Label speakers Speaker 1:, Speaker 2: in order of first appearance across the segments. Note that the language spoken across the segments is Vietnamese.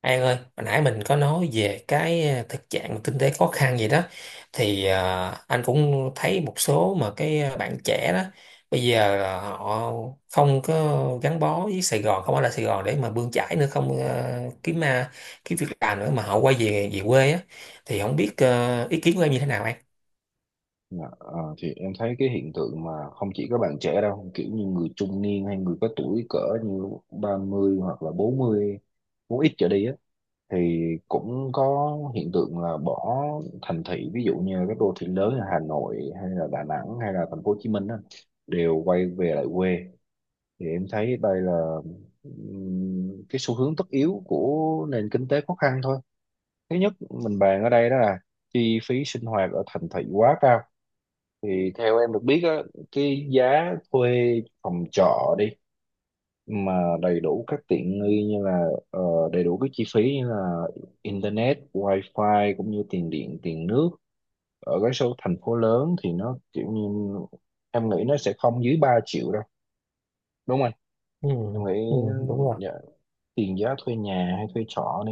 Speaker 1: An ơi, hồi nãy mình có nói về cái thực trạng kinh tế khó khăn gì đó, thì anh cũng thấy một số mà cái bạn trẻ đó bây giờ là họ không có gắn bó với Sài Gòn, không ở lại Sài Gòn để mà bươn chải nữa, không kiếm việc làm nữa mà họ quay về về quê á, thì không biết ý kiến của em như thế nào anh?
Speaker 2: Dạ, thì em thấy cái hiện tượng mà không chỉ các bạn trẻ đâu, kiểu như người trung niên hay người có tuổi cỡ như 30 hoặc là 40, muốn ít trở đi á thì cũng có hiện tượng là bỏ thành thị, ví dụ như các đô thị lớn là Hà Nội hay là Đà Nẵng hay là thành phố Hồ Chí Minh á, đều quay về lại quê. Thì em thấy đây là cái xu hướng tất yếu của nền kinh tế khó khăn thôi. Thứ nhất mình bàn ở đây đó là chi phí sinh hoạt ở thành thị quá cao. Thì theo em được biết á, cái giá thuê phòng trọ đi mà đầy đủ các tiện nghi như là đầy đủ các chi phí như là internet, wifi cũng như tiền điện, tiền nước, ở cái số thành phố lớn thì nó kiểu như em nghĩ nó sẽ không dưới 3 triệu đâu, đúng không anh?
Speaker 1: Ừ,
Speaker 2: Em nghĩ,
Speaker 1: ừ, đúng rồi.
Speaker 2: dạ, tiền giá thuê nhà hay thuê trọ.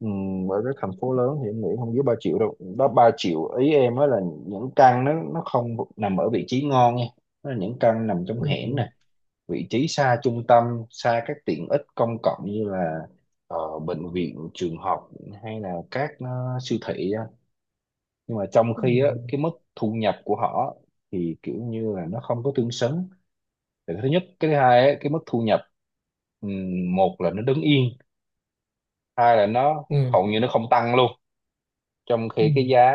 Speaker 2: Ừ, bởi cái thành phố lớn thì em nghĩ không dưới 3 triệu đâu, đó 3 triệu ý em á là những căn nó không nằm ở vị trí ngon nha, nó là những căn nằm trong
Speaker 1: Ừ,
Speaker 2: hẻm nè, vị trí xa trung tâm, xa các tiện ích công cộng như là bệnh viện, trường học, hay là các siêu thị á. Nhưng mà trong
Speaker 1: ừ,
Speaker 2: khi á cái mức thu nhập của họ thì kiểu như là nó không có tương xứng. Thì cái thứ nhất, cái thứ hai á, cái mức thu nhập, một là nó đứng yên, hai là nó
Speaker 1: ừ,
Speaker 2: hầu như nó không tăng luôn, trong khi cái giá,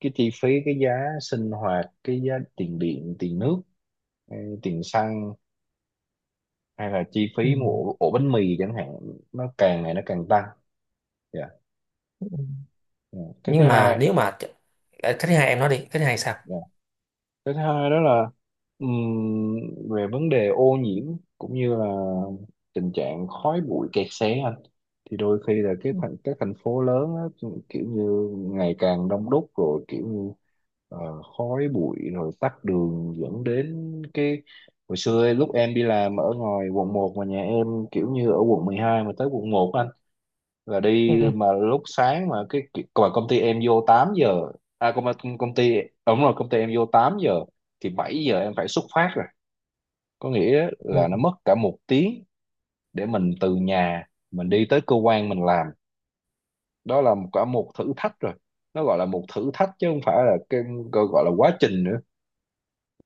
Speaker 2: cái chi phí, cái giá sinh hoạt, cái giá tiền điện, tiền nước, hay tiền xăng, hay là chi
Speaker 1: ừ,
Speaker 2: phí mua ổ bánh mì chẳng hạn, nó càng ngày nó càng tăng. Dạ.
Speaker 1: ừ.
Speaker 2: Ừ. Cái thứ
Speaker 1: Nhưng mà
Speaker 2: hai,
Speaker 1: nếu mà cái thứ hai em nói đi, cái thứ hai sao?
Speaker 2: dạ, cái thứ hai đó là ừm, về vấn đề ô nhiễm cũng như là tình trạng khói bụi, kẹt xe. Thì đôi khi là cái thành các thành phố lớn á, kiểu như ngày càng đông đúc, rồi kiểu như ờ, khói bụi rồi tắc đường, dẫn đến cái hồi xưa ấy, lúc em đi làm ở ngoài quận 1 mà nhà em kiểu như ở quận 12 mà tới quận 1 anh, là đi mà lúc sáng mà cái còn công ty em vô 8 giờ, à công công ty đúng rồi công ty em vô 8 giờ, thì 7 giờ em phải xuất phát rồi, có nghĩa
Speaker 1: Ừ.
Speaker 2: là nó mất cả một tiếng để mình từ nhà mình đi tới cơ quan mình làm, đó là cả một thử thách rồi, nó gọi là một thử thách chứ không phải là cái gọi gọi là quá trình nữa.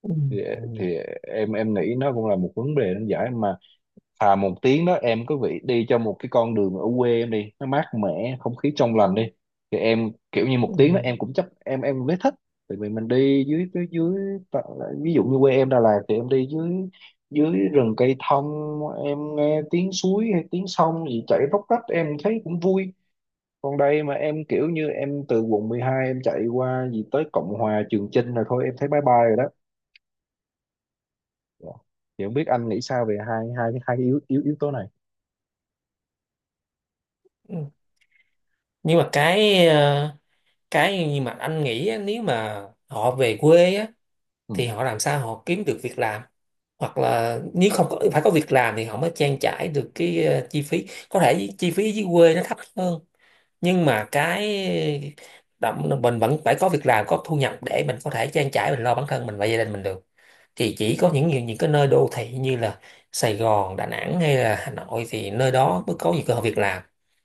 Speaker 1: Ừ,
Speaker 2: thì,
Speaker 1: ừ,
Speaker 2: thì em nghĩ nó cũng là một vấn đề nan giải, mà thà một tiếng đó em cứ vị đi cho một cái con đường ở quê em đi, nó mát mẻ, không khí trong lành đi, thì em kiểu như một tiếng đó
Speaker 1: ừ,
Speaker 2: em cũng chấp, em mới thích. Tại vì mình đi dưới dưới dưới ta- ví dụ như quê em Đà Lạt thì em đi dưới, dưới rừng cây thông, em nghe tiếng suối hay tiếng sông gì chảy róc rách em thấy cũng vui. Còn đây mà em kiểu như em từ quận 12 em chạy qua gì tới Cộng Hòa, Trường Chinh là thôi em thấy bye bye rồi đó. Dạ. Thì không biết anh nghĩ sao về hai hai hai yếu yếu yếu tố này.
Speaker 1: ừ. Nhưng mà cái cái nhưng mà anh nghĩ á, nếu mà họ về quê á thì
Speaker 2: Ừ.
Speaker 1: họ làm sao họ kiếm được việc làm, hoặc là nếu không có, phải có việc làm thì họ mới trang trải được cái chi phí, có thể chi phí dưới quê nó thấp hơn, nhưng mà cái mình vẫn phải có việc làm, có thu nhập để mình có thể trang trải, mình lo bản thân mình và gia đình mình được, thì chỉ có những cái nơi đô thị như là Sài Gòn, Đà Nẵng hay là Hà Nội thì nơi đó mới có nhiều cơ hội việc làm.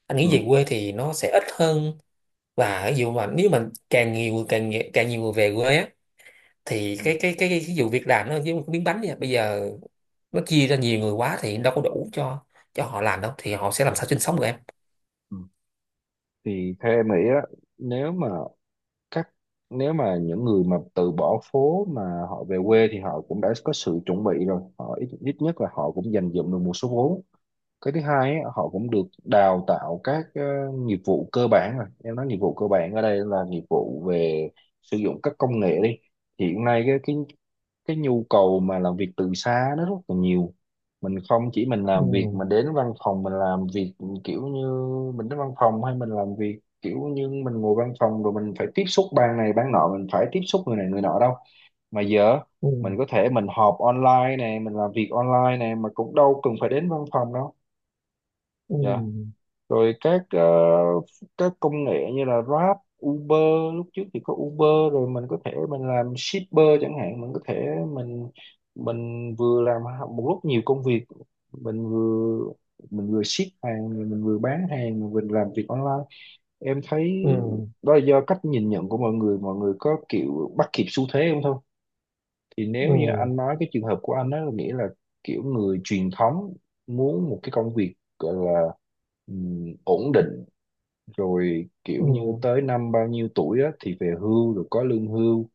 Speaker 1: Anh
Speaker 2: Ừ.
Speaker 1: nghĩ về quê thì nó sẽ ít hơn, và ví dụ mà nếu mà càng nhiều người về quê á thì
Speaker 2: Ừ.
Speaker 1: cái vụ việc làm nó giống như cái miếng bánh vậy. Bây giờ nó chia ra nhiều người quá thì đâu có đủ cho họ làm đâu, thì họ sẽ làm sao sinh sống được em.
Speaker 2: Ừ. Thì theo em nghĩ á, nếu mà các nếu mà những người mà từ bỏ phố mà họ về quê thì họ cũng đã có sự chuẩn bị rồi, họ ít nhất là họ cũng dành dụm được một số vốn. Cái thứ hai á, họ cũng được đào tạo các nghiệp vụ cơ bản rồi, em nói nghiệp vụ cơ bản ở đây là nghiệp vụ về sử dụng các công nghệ đi. Hiện nay cái nhu cầu mà làm việc từ xa nó rất là nhiều. Mình không chỉ mình
Speaker 1: Ừ,
Speaker 2: làm việc mà đến văn phòng mình làm việc, kiểu như mình đến văn phòng hay mình làm việc kiểu như mình ngồi văn phòng rồi mình phải tiếp xúc ban này ban nọ, mình phải tiếp xúc người này người nọ đâu, mà giờ mình
Speaker 1: ừ,
Speaker 2: có thể mình họp online này, mình làm việc online này, mà cũng đâu cần phải đến văn phòng đâu.
Speaker 1: ừ,
Speaker 2: Dạ, rồi các các công nghệ như là Grab, Uber, lúc trước thì có Uber, rồi mình có thể mình làm shipper chẳng hạn, mình có thể mình mình vừa làm một lúc nhiều công việc, mình vừa mình vừa ship hàng rồi mình vừa bán hàng rồi mình làm việc online. Em thấy
Speaker 1: ừ,
Speaker 2: đó là do cách nhìn nhận của mọi người, mọi người có kiểu bắt kịp xu thế không thôi. Thì nếu như
Speaker 1: ừ,
Speaker 2: anh nói cái trường hợp của anh đó, nghĩa là kiểu người truyền thống, muốn một cái công việc gọi là ổn định, rồi
Speaker 1: ừ,
Speaker 2: kiểu như tới năm bao nhiêu tuổi á, thì về hưu rồi có lương hưu,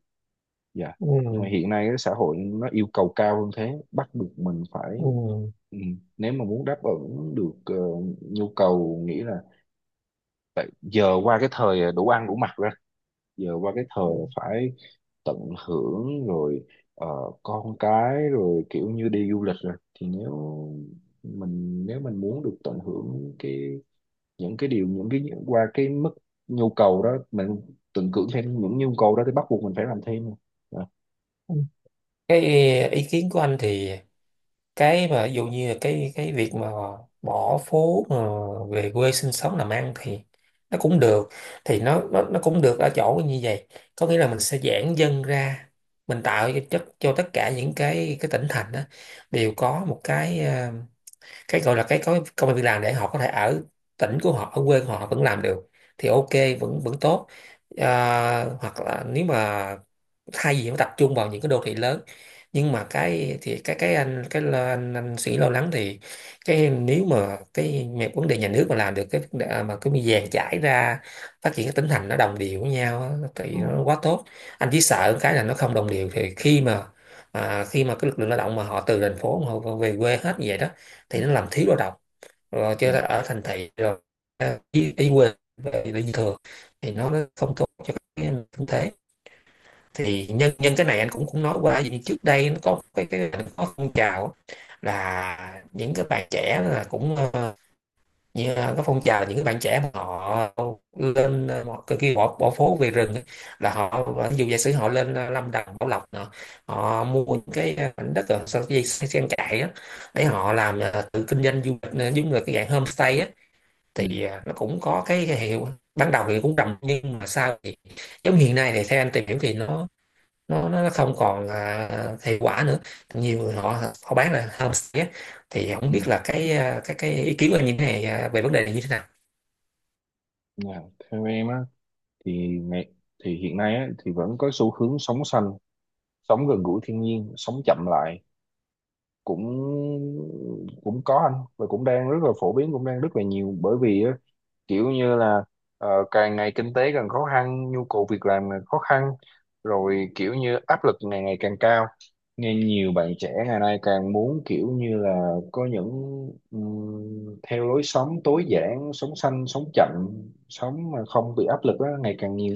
Speaker 2: dạ. Nhưng mà
Speaker 1: ừ,
Speaker 2: hiện nay cái xã hội nó yêu cầu cao hơn thế, bắt buộc mình phải, ừ, nếu mà muốn đáp ứng được nhu cầu, nghĩ là giờ qua cái thời đủ ăn đủ mặc ra, giờ qua cái thời
Speaker 1: ừ,
Speaker 2: là phải tận hưởng rồi, ờ, con cái rồi kiểu như đi du lịch rồi. Thì nếu mình muốn được tận hưởng cái những cái điều, những cái qua cái mức nhu cầu đó, mình tưởng tượng thêm những nhu cầu đó thì bắt buộc mình phải làm thêm. Dạ.
Speaker 1: ừ. Cái ý kiến của anh thì cái mà ví dụ như là cái việc mà bỏ phố mà về quê sinh sống làm ăn thì nó cũng được, thì nó cũng được ở chỗ như vậy, có nghĩa là mình sẽ giãn dân ra, mình tạo cho tất cả những cái tỉnh thành đó đều có một cái gọi là cái có công an việc làm để họ có thể ở tỉnh của họ, ở quê của họ vẫn làm được, thì ok, vẫn vẫn tốt. À, hoặc là nếu mà thay vì phải tập trung vào những cái đô thị lớn, nhưng mà cái thì cái anh cái lo, anh suy lo lắng thì cái nếu mà vấn đề nhà nước mà làm được mà cái mi vàng chảy ra, phát triển cái tỉnh thành nó đồng đều với nhau á,
Speaker 2: Ừ.
Speaker 1: thì nó quá tốt. Anh chỉ sợ cái là nó không đồng đều, thì khi mà cái lực lượng lao động mà họ từ thành phố mà họ về quê hết như vậy đó
Speaker 2: Ừ.
Speaker 1: thì nó làm thiếu lao động, rồi
Speaker 2: Ừ.
Speaker 1: chứ ở thành thị rồi à, đi quê về đi thừa, thì nó không tốt cho cái kinh tế. Thì nhân nhân cái này anh cũng cũng nói qua, vì trước đây nó có cái nó có phong trào là những cái bạn trẻ là cũng như là có phong trào những cái bạn trẻ mà họ lên cái kia bỏ bỏ phố về rừng á, là họ ví dụ giả sử họ lên Lâm Đồng Bảo Lộc nọ, họ mua những cái mảnh đất ở sau cái dây trang trại á, để họ làm tự kinh doanh du lịch, giống như là cái dạng homestay á,
Speaker 2: Ừ.
Speaker 1: thì nó cũng có cái hiệu, ban đầu thì cũng rầm nhưng mà sau thì giống hiện nay thì theo anh tìm hiểu thì nó không còn à, hiệu quả nữa, nhiều người họ họ bán là homestay á. Thì không
Speaker 2: Ừ.
Speaker 1: biết là cái à, cái cái ý kiến của anh như thế này à, về vấn đề này như thế nào.
Speaker 2: Dạ. Theo em á, thì ngày thì hiện nay á, thì vẫn có xu hướng sống xanh, sống gần gũi thiên nhiên, sống chậm lại, cũng cũng có anh, và cũng đang rất là phổ biến, cũng đang rất là nhiều, bởi vì á, kiểu như là càng ngày kinh tế càng khó khăn, nhu cầu việc làm càng khó khăn, rồi kiểu như áp lực ngày ngày càng cao. Nên nhiều bạn trẻ ngày nay càng muốn kiểu như là có những theo lối sống tối giản, sống xanh, sống chậm, sống mà không bị áp lực đó, ngày càng nhiều.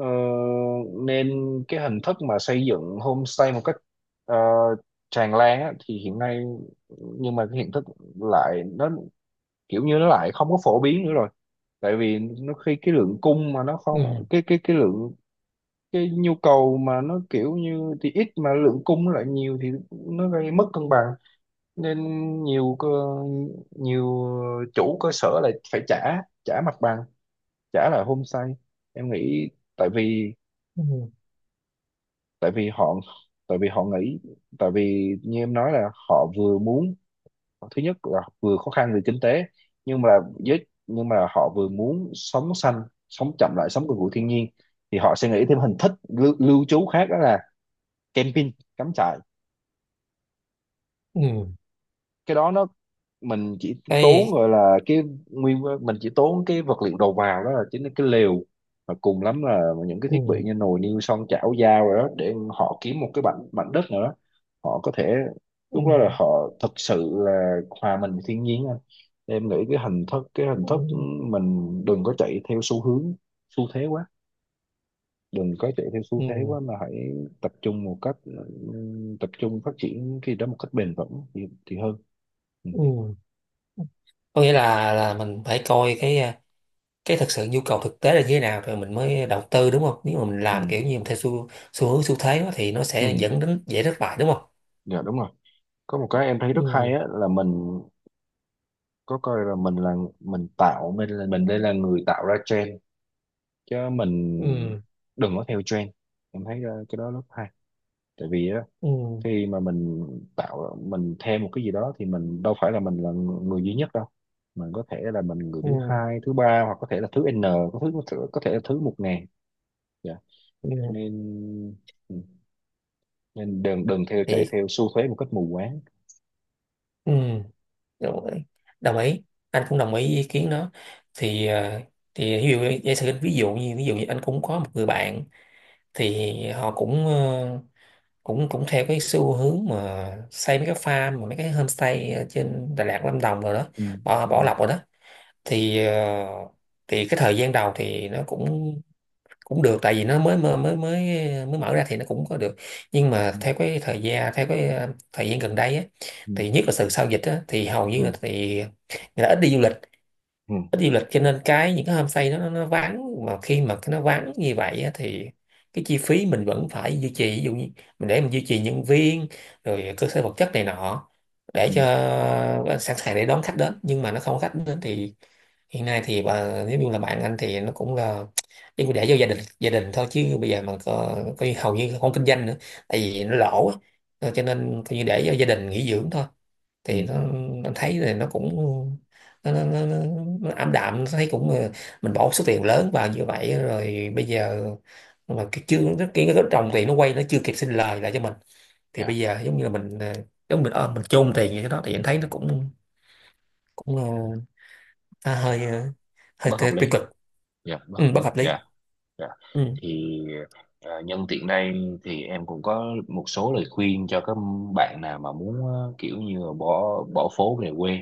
Speaker 2: Ờ, nên cái hình thức mà xây dựng homestay một cách ờ, tràn lan á, thì hiện nay, nhưng mà cái hình thức lại nó kiểu như nó lại không có phổ biến nữa rồi. Tại vì nó khi cái lượng cung mà nó không,
Speaker 1: Ừ,
Speaker 2: cái cái lượng, cái nhu cầu mà nó kiểu như thì ít mà lượng cung nó lại nhiều thì nó gây mất cân bằng. Nên nhiều cơ nhiều chủ cơ sở lại phải trả, trả mặt bằng, trả lại homestay. Em nghĩ tại vì,
Speaker 1: ừ,
Speaker 2: tại vì họ tại vì họ nghĩ, tại vì như em nói là họ vừa muốn, thứ nhất là vừa khó khăn về kinh tế, nhưng mà nhưng mà họ vừa muốn sống xanh, sống chậm lại, sống gần gũi thiên nhiên. Thì họ sẽ nghĩ thêm hình thức lưu trú khác, đó là camping, cắm trại.
Speaker 1: ừ,
Speaker 2: Cái đó nó, mình chỉ tốn
Speaker 1: cái
Speaker 2: gọi là cái, nguyên mình chỉ tốn cái vật liệu đầu vào, đó là chính là cái lều, và cùng lắm là những cái thiết bị
Speaker 1: ừ,
Speaker 2: như nồi niêu xoong chảo dao rồi đó, để họ kiếm một cái mảnh mảnh đất nữa, họ có thể
Speaker 1: ừ,
Speaker 2: lúc đó là họ thực sự là hòa mình với thiên nhiên anh. Em nghĩ cái hình thức
Speaker 1: ừ,
Speaker 2: mình đừng có chạy theo xu hướng, xu thế quá, đừng có chạy theo xu thế
Speaker 1: ừ,
Speaker 2: quá, mà hãy tập trung một cách tập trung phát triển cái đó một cách bền vững, thì hơn. Ừ.
Speaker 1: ừ. Có nghĩa là mình phải coi cái thực sự nhu cầu thực tế là như thế nào rồi mình mới đầu tư đúng không, nếu mà mình
Speaker 2: Ừ.
Speaker 1: làm kiểu như mình theo xu xu hướng xu thế đó, thì nó
Speaker 2: Ừ.
Speaker 1: sẽ dẫn đến dễ thất bại đúng không?
Speaker 2: Dạ, đúng rồi. Có một cái em thấy rất hay
Speaker 1: Ừ,
Speaker 2: á là mình có coi là mình là, mình tạo, mình là, mình đây là người tạo ra trend, chứ mình
Speaker 1: ừ,
Speaker 2: đừng có theo trend. Em thấy cái đó rất hay. Tại vì á,
Speaker 1: ừ,
Speaker 2: khi mà mình tạo mình theo một cái gì đó thì mình đâu phải là mình là người duy nhất đâu, mình có thể là mình người
Speaker 1: ừ,
Speaker 2: thứ hai, thứ ba, hoặc có thể là thứ n, có thứ có thể là thứ 1.000. Dạ.
Speaker 1: ừ,
Speaker 2: Nên ừ, nên đừng đừng theo chạy
Speaker 1: thì
Speaker 2: theo xu thế một cách mù quáng.
Speaker 1: ừ, rồi, đồng ý, anh cũng đồng ý với ý kiến đó. Thì thì ví dụ giả sử ví dụ như anh cũng có một người bạn, thì họ cũng cũng cũng theo cái xu hướng mà xây mấy cái farm mà mấy cái homestay ở trên Đà Lạt Lâm Đồng rồi đó,
Speaker 2: Ừ.
Speaker 1: bỏ
Speaker 2: Ừ.
Speaker 1: bỏ lọc rồi đó, thì thì cái thời gian đầu thì nó cũng cũng được, tại vì nó mới mới mới mới mới mở ra thì nó cũng có được, nhưng mà
Speaker 2: Ừ.
Speaker 1: theo cái thời gian, theo cái thời gian gần đây á,
Speaker 2: Ừ.
Speaker 1: thì nhất là từ sau dịch á, thì hầu như là
Speaker 2: Ừ.
Speaker 1: thì người ta ít đi du lịch,
Speaker 2: Ừ.
Speaker 1: ít đi du lịch cho nên cái những cái homestay nó vắng, mà khi mà cái nó vắng như vậy á, thì cái chi phí mình vẫn phải duy trì, ví dụ như mình để mình duy trì nhân viên, rồi cơ sở vật chất này nọ,
Speaker 2: Ừ.
Speaker 1: để cho sẵn sàng để đón khách đến, nhưng mà nó không có khách đến, thì hiện nay thì nếu như là bạn anh thì nó cũng là đi để cho gia đình thôi, chứ bây giờ mà có như hầu như không kinh doanh nữa, tại vì nó lỗ á. Cho nên coi như để cho gia đình nghỉ dưỡng thôi,
Speaker 2: Ừ.
Speaker 1: thì nó anh thấy thì nó cũng nó, nó, nó, nó, nó ảm đạm, nó thấy cũng mình bỏ số tiền lớn vào như vậy rồi bây giờ mà cái chưa cái, cái trồng tiền nó quay, nó chưa kịp sinh lời lại cho mình, thì
Speaker 2: Dạ.
Speaker 1: bây giờ giống như là mình giống mình mình chôn tiền như thế đó, thì anh thấy nó cũng cũng nó
Speaker 2: Dạ,
Speaker 1: hơi
Speaker 2: bất
Speaker 1: tiêu
Speaker 2: hợp lý.
Speaker 1: tiêu cực.
Speaker 2: Dạ, bất
Speaker 1: Ừ,
Speaker 2: hợp lý
Speaker 1: bất hợp lý.
Speaker 2: dạ. Dạ.
Speaker 1: Ừ,
Speaker 2: Thì, à, nhân tiện đây thì em cũng có một số lời khuyên cho các bạn nào mà muốn kiểu như là bỏ bỏ phố về quê.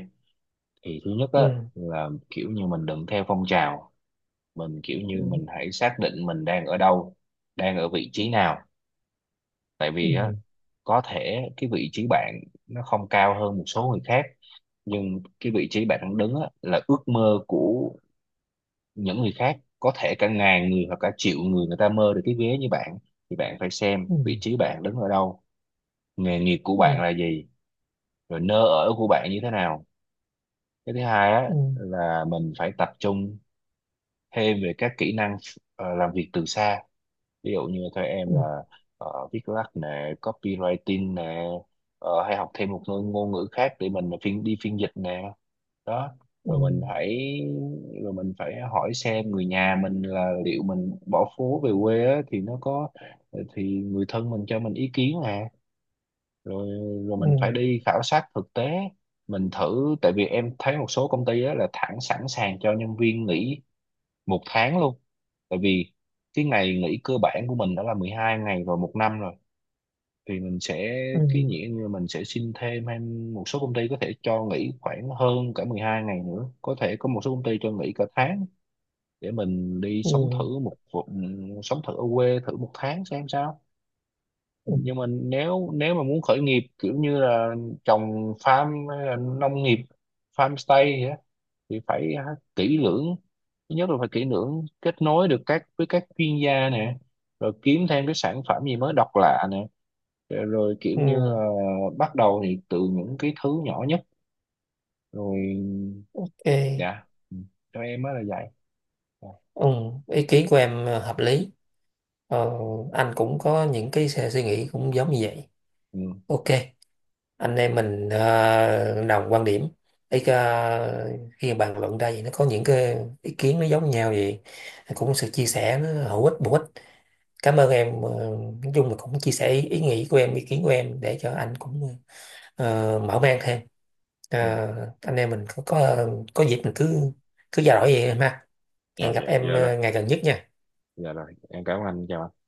Speaker 2: Thì thứ nhất á,
Speaker 1: ừ,
Speaker 2: là kiểu như mình đừng theo phong trào, mình kiểu như
Speaker 1: ừ,
Speaker 2: mình hãy xác định mình đang ở đâu, đang ở vị trí nào. Tại vì á,
Speaker 1: ừ,
Speaker 2: có thể cái vị trí bạn nó không cao hơn một số người khác, nhưng cái vị trí bạn đang đứng á, là ước mơ của những người khác, có thể cả ngàn người hoặc cả triệu người, người ta mơ được cái vé như bạn. Thì bạn phải xem
Speaker 1: ừ,
Speaker 2: vị trí bạn đứng ở đâu, nghề nghiệp của
Speaker 1: ừ,
Speaker 2: bạn là gì, rồi nơi ở của bạn như thế nào. Cái thứ hai á
Speaker 1: ừ,
Speaker 2: là mình phải tập trung thêm về các kỹ năng làm việc từ xa. Ví dụ như theo em
Speaker 1: ừ,
Speaker 2: là viết lách nè, copywriting nè, hay học thêm một ngôn ngôn ngữ khác để mình phiên dịch nè, đó.
Speaker 1: ừ,
Speaker 2: rồi mình phải rồi mình phải hỏi xem người nhà mình là liệu mình bỏ phố về quê á, thì nó có, thì người thân mình cho mình ý kiến nè, rồi rồi mình phải
Speaker 1: ừ,
Speaker 2: đi khảo sát thực tế, mình thử, tại vì em thấy một số công ty á, là thẳng sẵn sàng cho nhân viên nghỉ một tháng luôn. Tại vì cái ngày nghỉ cơ bản của mình đã là 12 ngày rồi một năm rồi, thì mình sẽ,
Speaker 1: ừ,
Speaker 2: cái nghĩa như mình sẽ xin thêm, hay một số công ty có thể cho nghỉ khoảng hơn cả 12 ngày nữa, có thể có một số công ty cho nghỉ cả tháng, để mình đi sống
Speaker 1: ừ,
Speaker 2: thử sống thử ở quê thử một tháng xem sao.
Speaker 1: ừ,
Speaker 2: Nhưng mà nếu nếu mà muốn khởi nghiệp kiểu như là trồng farm hay là nông nghiệp, farm stay gì á, thì phải, à, kỹ lưỡng. Thứ nhất là phải kỹ lưỡng, kết nối được các, với các chuyên gia nè, rồi kiếm thêm cái sản phẩm gì mới độc lạ nè, rồi kiểu như
Speaker 1: ừ,
Speaker 2: là bắt đầu thì từ những cái thứ nhỏ nhất rồi.
Speaker 1: ok,
Speaker 2: Dạ. Ừ, cho em mới là vậy. Dạ.
Speaker 1: ừ. Ý kiến của em hợp lý. ờ, anh cũng có những cái suy nghĩ cũng giống như vậy.
Speaker 2: Ừ.
Speaker 1: Ok, anh em mình đồng quan điểm, ý khi bàn luận ra vậy nó có những cái ý kiến nó giống nhau vậy, cũng sự chia sẻ nó hữu ích, bổ ích. Cảm ơn em, nói chung là cũng chia sẻ ý nghĩ của em, ý kiến của em, để cho anh cũng mở mang thêm. Ờ,
Speaker 2: Dạ.
Speaker 1: anh em mình có dịp mình cứ cứ trao đổi vậy em ha,
Speaker 2: Dạ.
Speaker 1: hẹn gặp
Speaker 2: Dạ.
Speaker 1: em
Speaker 2: Dạ rồi.
Speaker 1: ngày gần nhất nha.
Speaker 2: Dạ rồi, em cảm ơn anh, chào anh.